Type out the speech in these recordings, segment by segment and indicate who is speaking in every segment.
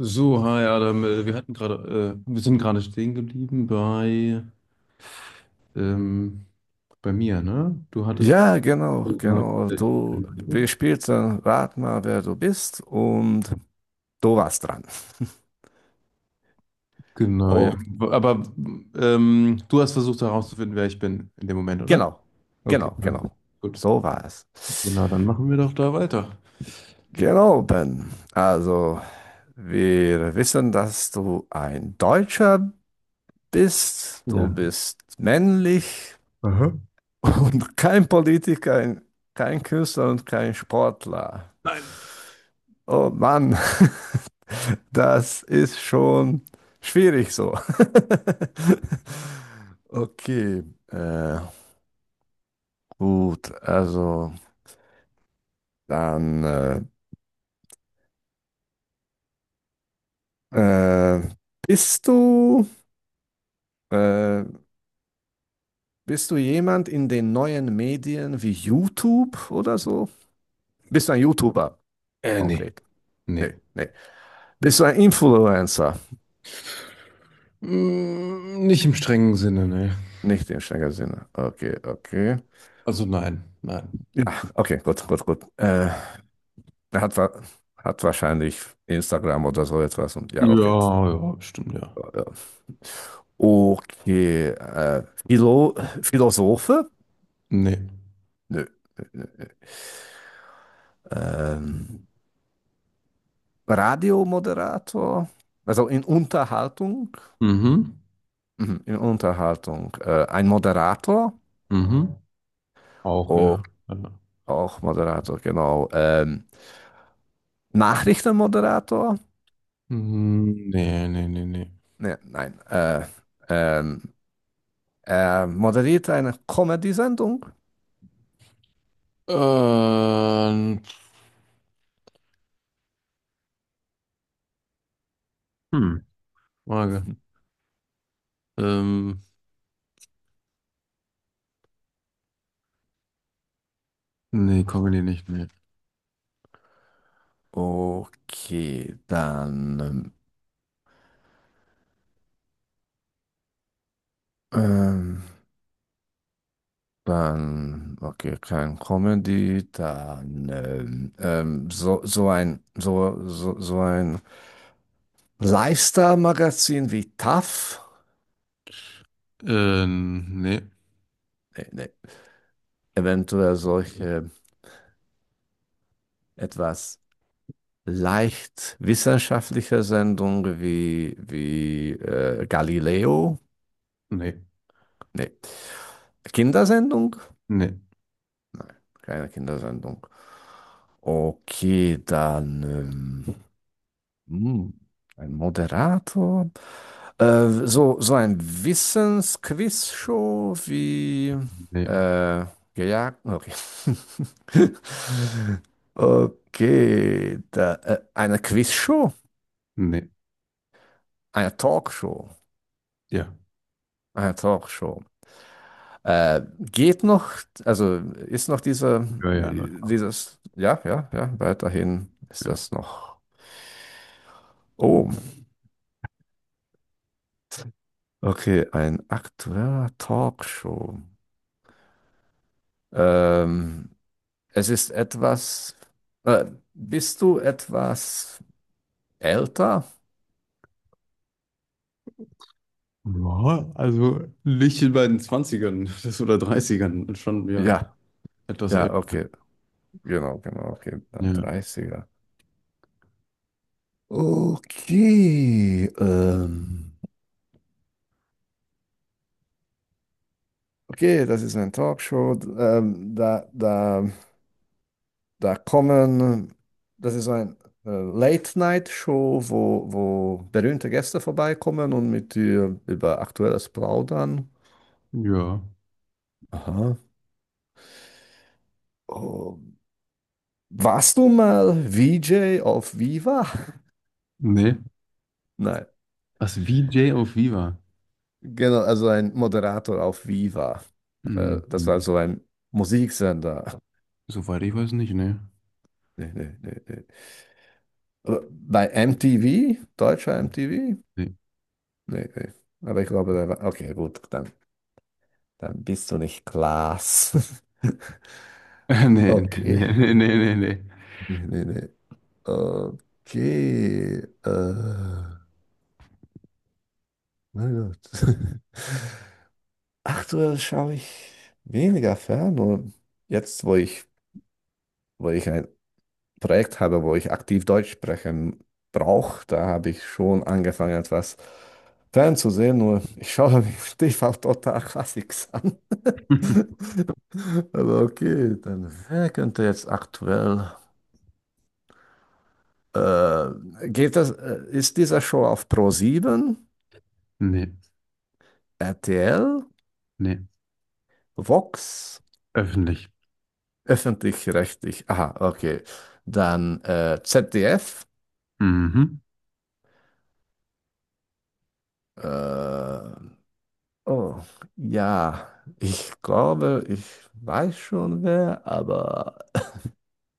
Speaker 1: So, hi Adam, wir hatten gerade, wir sind gerade stehen geblieben bei, ähm, bei mir, ne? Du hattest,
Speaker 2: Ja, genau, genau. Du, wir spielten Rat mal, wer du bist und du warst dran.
Speaker 1: genau, ja.
Speaker 2: Oh,
Speaker 1: Aber du hast versucht herauszufinden, wer ich bin in dem Moment, oder?
Speaker 2: genau,
Speaker 1: Okay,
Speaker 2: genau,
Speaker 1: alles
Speaker 2: genau.
Speaker 1: gut.
Speaker 2: So war es.
Speaker 1: Genau, dann machen wir doch da weiter.
Speaker 2: Genau, Ben. Also, wir wissen, dass du ein Deutscher bist. Du
Speaker 1: Ja.
Speaker 2: bist männlich
Speaker 1: Aha.
Speaker 2: und kein Politiker, kein Künstler und kein Sportler.
Speaker 1: Nein.
Speaker 2: Oh Mann. Das ist schon schwierig so. Okay, äh, gut, also dann äh, äh, bist du äh, bist du jemand in den neuen Medien wie YouTube oder so? Bist du ein YouTuber
Speaker 1: Nee,
Speaker 2: konkret?
Speaker 1: nee.
Speaker 2: Nee, nee. Bist du ein Influencer?
Speaker 1: Mm, nicht im strengen Sinne, ne?
Speaker 2: Nicht im strengen Sinne. Okay, okay.
Speaker 1: Also nein, nein.
Speaker 2: Ja, okay, gut, gut, gut. Er hat, hat wahrscheinlich Instagram oder so etwas und ja, okay.
Speaker 1: Ja, ja, stimmt, ja.
Speaker 2: Ja. Okay. Philosophe?
Speaker 1: Nee.
Speaker 2: Nö, nö, nö, nö. Ähm, Radiomoderator? Also in Unterhaltung?
Speaker 1: Mhm,
Speaker 2: Mhm, in Unterhaltung. Ein Moderator?
Speaker 1: mhm. Auch,
Speaker 2: Oh,
Speaker 1: ja. Ja.
Speaker 2: auch Moderator, genau. Nachrichtenmoderator?
Speaker 1: Nee, nee, nee, nee.
Speaker 2: Ne, nein. Ähm, Er moderiert eine Comedy-Sendung?
Speaker 1: Ähm, hm, Frage. Ähm, nee, Comedy nicht, nee.
Speaker 2: Okay, dann. Ähm, Dann, okay, kein Comedy, dann so, so ein Lifestyle-Magazin wie TAF,
Speaker 1: Nee,
Speaker 2: nee, nee. Eventuell solche etwas leicht wissenschaftliche Sendungen wie Galileo,
Speaker 1: nee,
Speaker 2: nee. Kindersendung?
Speaker 1: nee,
Speaker 2: Nein, keine Kindersendung. Okay, dann hm, ein Moderator. So ein Wissensquiz-Show wie
Speaker 1: nee,
Speaker 2: äh, gejagt. Okay. Okay, da, eine Quizshow,
Speaker 1: nee.
Speaker 2: eine Talkshow,
Speaker 1: Ja,
Speaker 2: eine Talkshow. Geht noch, also ist noch dieser,
Speaker 1: ja, ja, nein.
Speaker 2: dieses, ja, ja, ja, weiterhin ist
Speaker 1: Ja.
Speaker 2: das noch. Oh, okay, ein aktueller Talkshow. Ähm, Es ist etwas. Äh, bist du etwas älter?
Speaker 1: Ja, also nicht in meinen Zwanzigern das oder Dreißigern schon, ja,
Speaker 2: Ja,
Speaker 1: etwas
Speaker 2: ja,
Speaker 1: älter.
Speaker 2: okay. Genau, genau, okay. Dann
Speaker 1: Ja,
Speaker 2: dreißiger. Okay. Okay, das ist eine Talkshow. Da kommen. Das ist ein Late-Night-Show, wo berühmte Gäste vorbeikommen und mit dir über Aktuelles plaudern.
Speaker 1: ja.
Speaker 2: Aha. Oh, warst du mal VJ auf Viva?
Speaker 1: Nee.
Speaker 2: Nein,
Speaker 1: Was, VJ auf Viva?
Speaker 2: genau, also ein Moderator auf Viva.
Speaker 1: Hm,
Speaker 2: Das
Speaker 1: hm.
Speaker 2: war so ein Musiksender.
Speaker 1: Soweit ich weiß nicht, nee.
Speaker 2: Nee, nee, nee, nee. Aber bei MTV, deutscher MTV?
Speaker 1: Nee,
Speaker 2: Nee, nee. Aber ich glaube, der war. Okay, gut, dann, dann bist du nicht Klaas.
Speaker 1: nee, nee,
Speaker 2: Okay.
Speaker 1: nee, nee, nee, nee.
Speaker 2: Nee, nee, nee. Okay. Mein Gott. Aktuell schaue ich weniger fern. Und jetzt, wo ich ein Projekt habe, wo ich aktiv Deutsch sprechen brauche, da habe ich schon angefangen, etwas fernzusehen. Nur ich schaue mich stief auf Total Classics an.
Speaker 1: Nee,
Speaker 2: Aber okay, dann wer könnte jetzt aktuell. Äh, geht das, ist diese Show auf Pro 7,
Speaker 1: nee.
Speaker 2: RTL,
Speaker 1: Nee.
Speaker 2: Vox,
Speaker 1: Öffentlich.
Speaker 2: öffentlich-rechtlich? Aha, okay. Dann ZDF.
Speaker 1: Mhm.
Speaker 2: Äh, Oh, ja, ich glaube, ich weiß schon wer, aber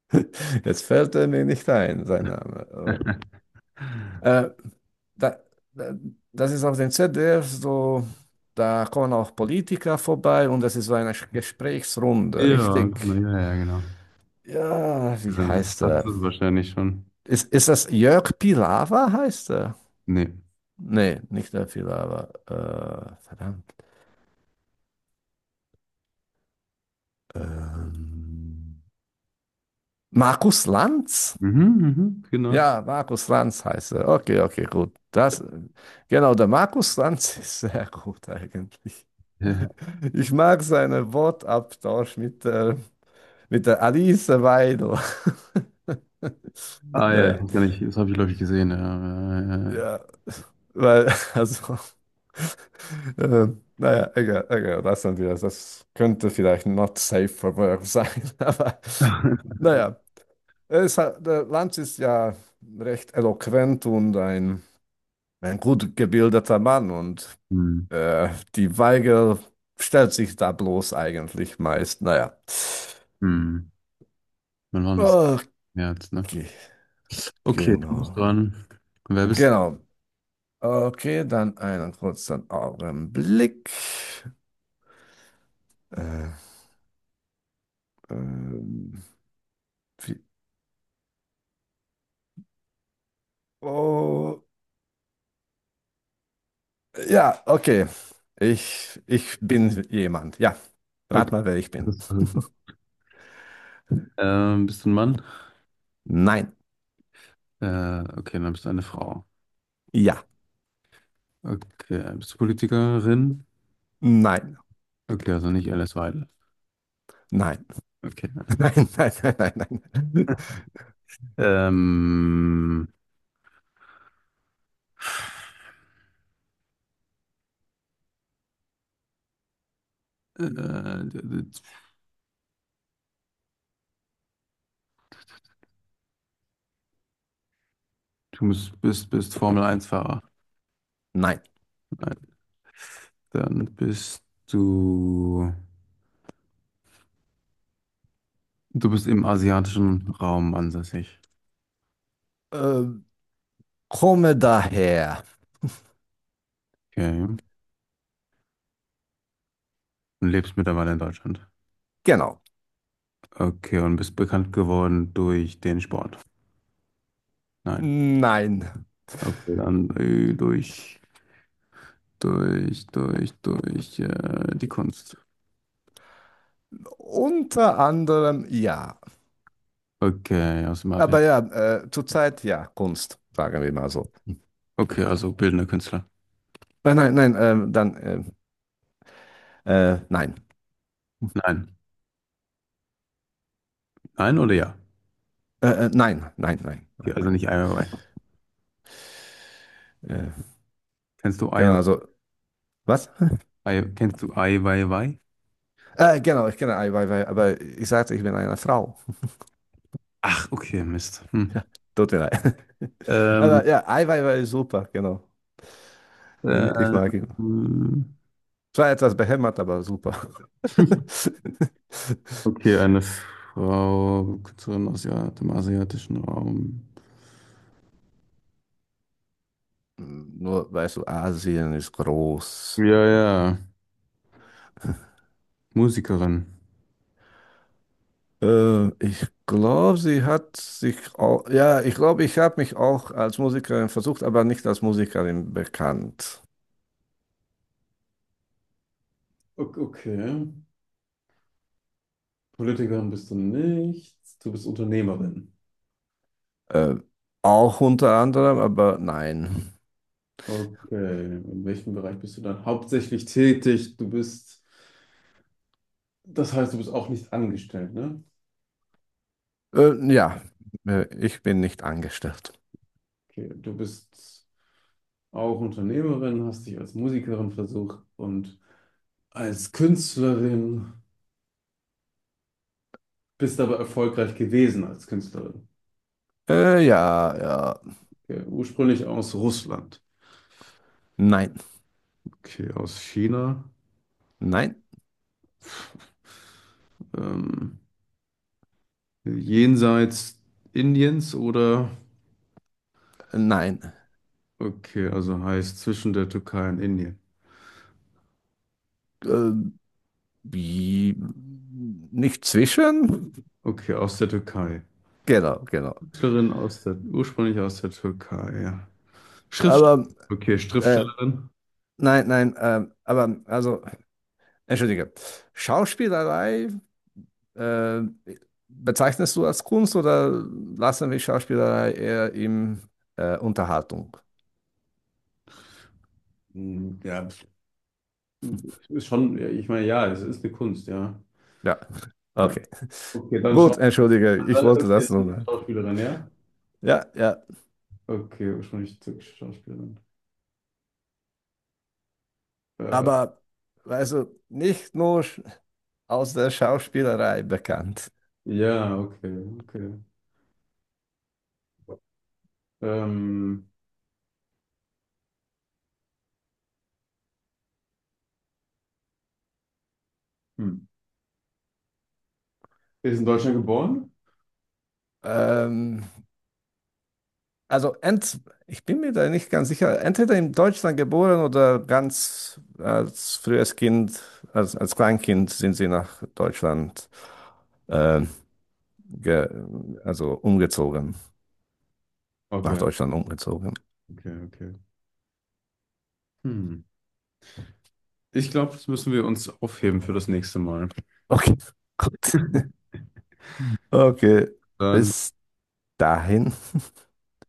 Speaker 2: jetzt fällt er mir nicht ein, sein Name. Oh. Äh, da, da, das ist auf dem ZDF so, da kommen auch Politiker vorbei und das ist so eine Gesprächsrunde,
Speaker 1: Ja, genau,
Speaker 2: richtig?
Speaker 1: ja, ja, genau.
Speaker 2: Ja, wie
Speaker 1: Ja, das
Speaker 2: heißt
Speaker 1: hast
Speaker 2: er?
Speaker 1: du wahrscheinlich schon.
Speaker 2: Ist das Jörg Pilawa, heißt er?
Speaker 1: Nee.
Speaker 2: Nee, nicht der Pilawa. Verdammt. Ähm, Markus Lanz?
Speaker 1: Mhm, mhm, genau.
Speaker 2: Ja, Markus Lanz heißt er. Okay, okay, gut. Das, genau, der Markus Lanz ist sehr gut eigentlich.
Speaker 1: Ja.
Speaker 2: Ich mag seinen Wortabtausch mit der Alice Weidel.
Speaker 1: Ah ja, ich
Speaker 2: Naja,
Speaker 1: weiß gar nicht, das habe ich, glaube ich, gesehen.
Speaker 2: ja, weil, also, äh, naja, egal, egal, lassen wir das. Das könnte vielleicht not safe for work sein, aber naja, es hat, der Lanz ist ja recht eloquent und ein gut gebildeter Mann und
Speaker 1: Hm,
Speaker 2: die Weige stellt sich da bloß eigentlich meist. Naja.
Speaker 1: hm. Wann war das
Speaker 2: Okay,
Speaker 1: jetzt, ne? Okay, du bist
Speaker 2: genau.
Speaker 1: dran. Wer bist
Speaker 2: Genau. Okay, dann einen kurzen Augenblick. Äh, ähm, Wie, oh, ja, okay. Ich bin jemand. Ja,
Speaker 1: du?
Speaker 2: rat
Speaker 1: Okay.
Speaker 2: mal, wer ich
Speaker 1: Das
Speaker 2: bin.
Speaker 1: ist super. Bist du ein Mann?
Speaker 2: Nein.
Speaker 1: Okay, dann bist du eine Frau.
Speaker 2: Ja.
Speaker 1: Okay, bist du Politikerin?
Speaker 2: Nein.
Speaker 1: Okay, also nicht Alice Weidel.
Speaker 2: Nein.
Speaker 1: Okay.
Speaker 2: Nein, nein, nein, nein, nein.
Speaker 1: Ähm, du bist formel Eins fahrer.
Speaker 2: Nein.
Speaker 1: Nein, dann bist du. Du bist im asiatischen Raum ansässig.
Speaker 2: Äh, komme daher.
Speaker 1: Okay. Und lebst mittlerweile in Deutschland.
Speaker 2: Genau.
Speaker 1: Okay, und bist bekannt geworden durch den Sport. Nein.
Speaker 2: Nein.
Speaker 1: Okay, dann durch die Kunst.
Speaker 2: Unter anderem ja.
Speaker 1: Okay, aus dem Atelier.
Speaker 2: Aber ja, zurzeit ja, Kunst, sagen wir mal so.
Speaker 1: Okay, also bildender Künstler.
Speaker 2: Nein, nein, nein, nein.
Speaker 1: Nein. Nein oder ja?
Speaker 2: Nein, nein, nein,
Speaker 1: Okay,
Speaker 2: nein.
Speaker 1: also nicht Ai Weiwei.
Speaker 2: Äh,
Speaker 1: Kennst du Ai,
Speaker 2: genau, also, was?
Speaker 1: Ai, kennst du Ai Weiwei?
Speaker 2: Genau, ich kenne Eiweiß, aber ich sagte, ich bin eine Frau.
Speaker 1: Ach, okay, Mist. Hm.
Speaker 2: Ja, tut mir leid.
Speaker 1: Ähm,
Speaker 2: Aber ja, Eiweiß ist super, genau. Ich mag ihn.
Speaker 1: ähm,
Speaker 2: Zwar etwas behämmert, aber super.
Speaker 1: okay, eine Frau, Künstlerin aus ja- dem asiatischen Raum.
Speaker 2: Nur, weißt du, Asien ist
Speaker 1: Ja,
Speaker 2: groß.
Speaker 1: ja, Musikerin.
Speaker 2: Ich glaube, sie hat sich auch, ja, ich glaube, ich habe mich auch als Musikerin versucht, aber nicht als Musikerin bekannt.
Speaker 1: Ok- Okay. Politikerin bist du nicht. Du bist Unternehmerin.
Speaker 2: Äh, auch unter anderem, aber nein.
Speaker 1: Okay. In welchem Bereich bist du dann hauptsächlich tätig? Das heißt, du bist auch nicht angestellt, ne?
Speaker 2: Ja, ich bin nicht angestellt.
Speaker 1: Okay. Du bist auch Unternehmerin, hast dich als Musikerin versucht und als Künstlerin. Bist aber erfolgreich gewesen als Künstlerin.
Speaker 2: Ja, ja,
Speaker 1: Okay. Ursprünglich aus Russland.
Speaker 2: nein,
Speaker 1: Okay, aus China.
Speaker 2: nein,
Speaker 1: Ähm, jenseits Indiens oder?
Speaker 2: nein.
Speaker 1: Okay, also heißt zwischen der Türkei und Indien.
Speaker 2: Äh, wie, nicht zwischen?
Speaker 1: Okay, aus der Türkei.
Speaker 2: Genau, genau.
Speaker 1: Künstlerin aus der, ursprünglich aus der Türkei, ja. Schrift,
Speaker 2: Aber,
Speaker 1: okay,
Speaker 2: äh,
Speaker 1: Schriftstellerin.
Speaker 2: nein, nein, aber also. Entschuldige, Schauspielerei, äh, bezeichnest du als Kunst oder lassen wir Schauspielerei eher im Unterhaltung?
Speaker 1: Ja, ist schon, ja, ich meine, ja, es ist eine Kunst, ja.
Speaker 2: Ja,
Speaker 1: Ja.
Speaker 2: okay.
Speaker 1: Okay, dann
Speaker 2: Gut,
Speaker 1: schau,
Speaker 2: entschuldige, ich
Speaker 1: mal,
Speaker 2: wollte
Speaker 1: okay,
Speaker 2: das
Speaker 1: dann die
Speaker 2: nur.
Speaker 1: Schauspielerin, ja?
Speaker 2: Ja, ja,
Speaker 1: Okay, ursprünglich türkische Schauspielerin. Äh,
Speaker 2: aber weißt du, nicht nur aus der Schauspielerei bekannt.
Speaker 1: Ja, okay, okay. Ähm, hm. Ist in Deutschland geboren?
Speaker 2: Ähm, also ent, ich bin mir da nicht ganz sicher, entweder in Deutschland geboren oder ganz als frühes Kind, als Kleinkind sind sie nach Deutschland äh, ge, also umgezogen, nach
Speaker 1: Okay,
Speaker 2: Deutschland umgezogen.
Speaker 1: okay, okay. Hm. Ich glaube, das müssen wir uns aufheben für das nächste Mal.
Speaker 2: Okay, gut. Okay,
Speaker 1: Dann.
Speaker 2: bis dahin.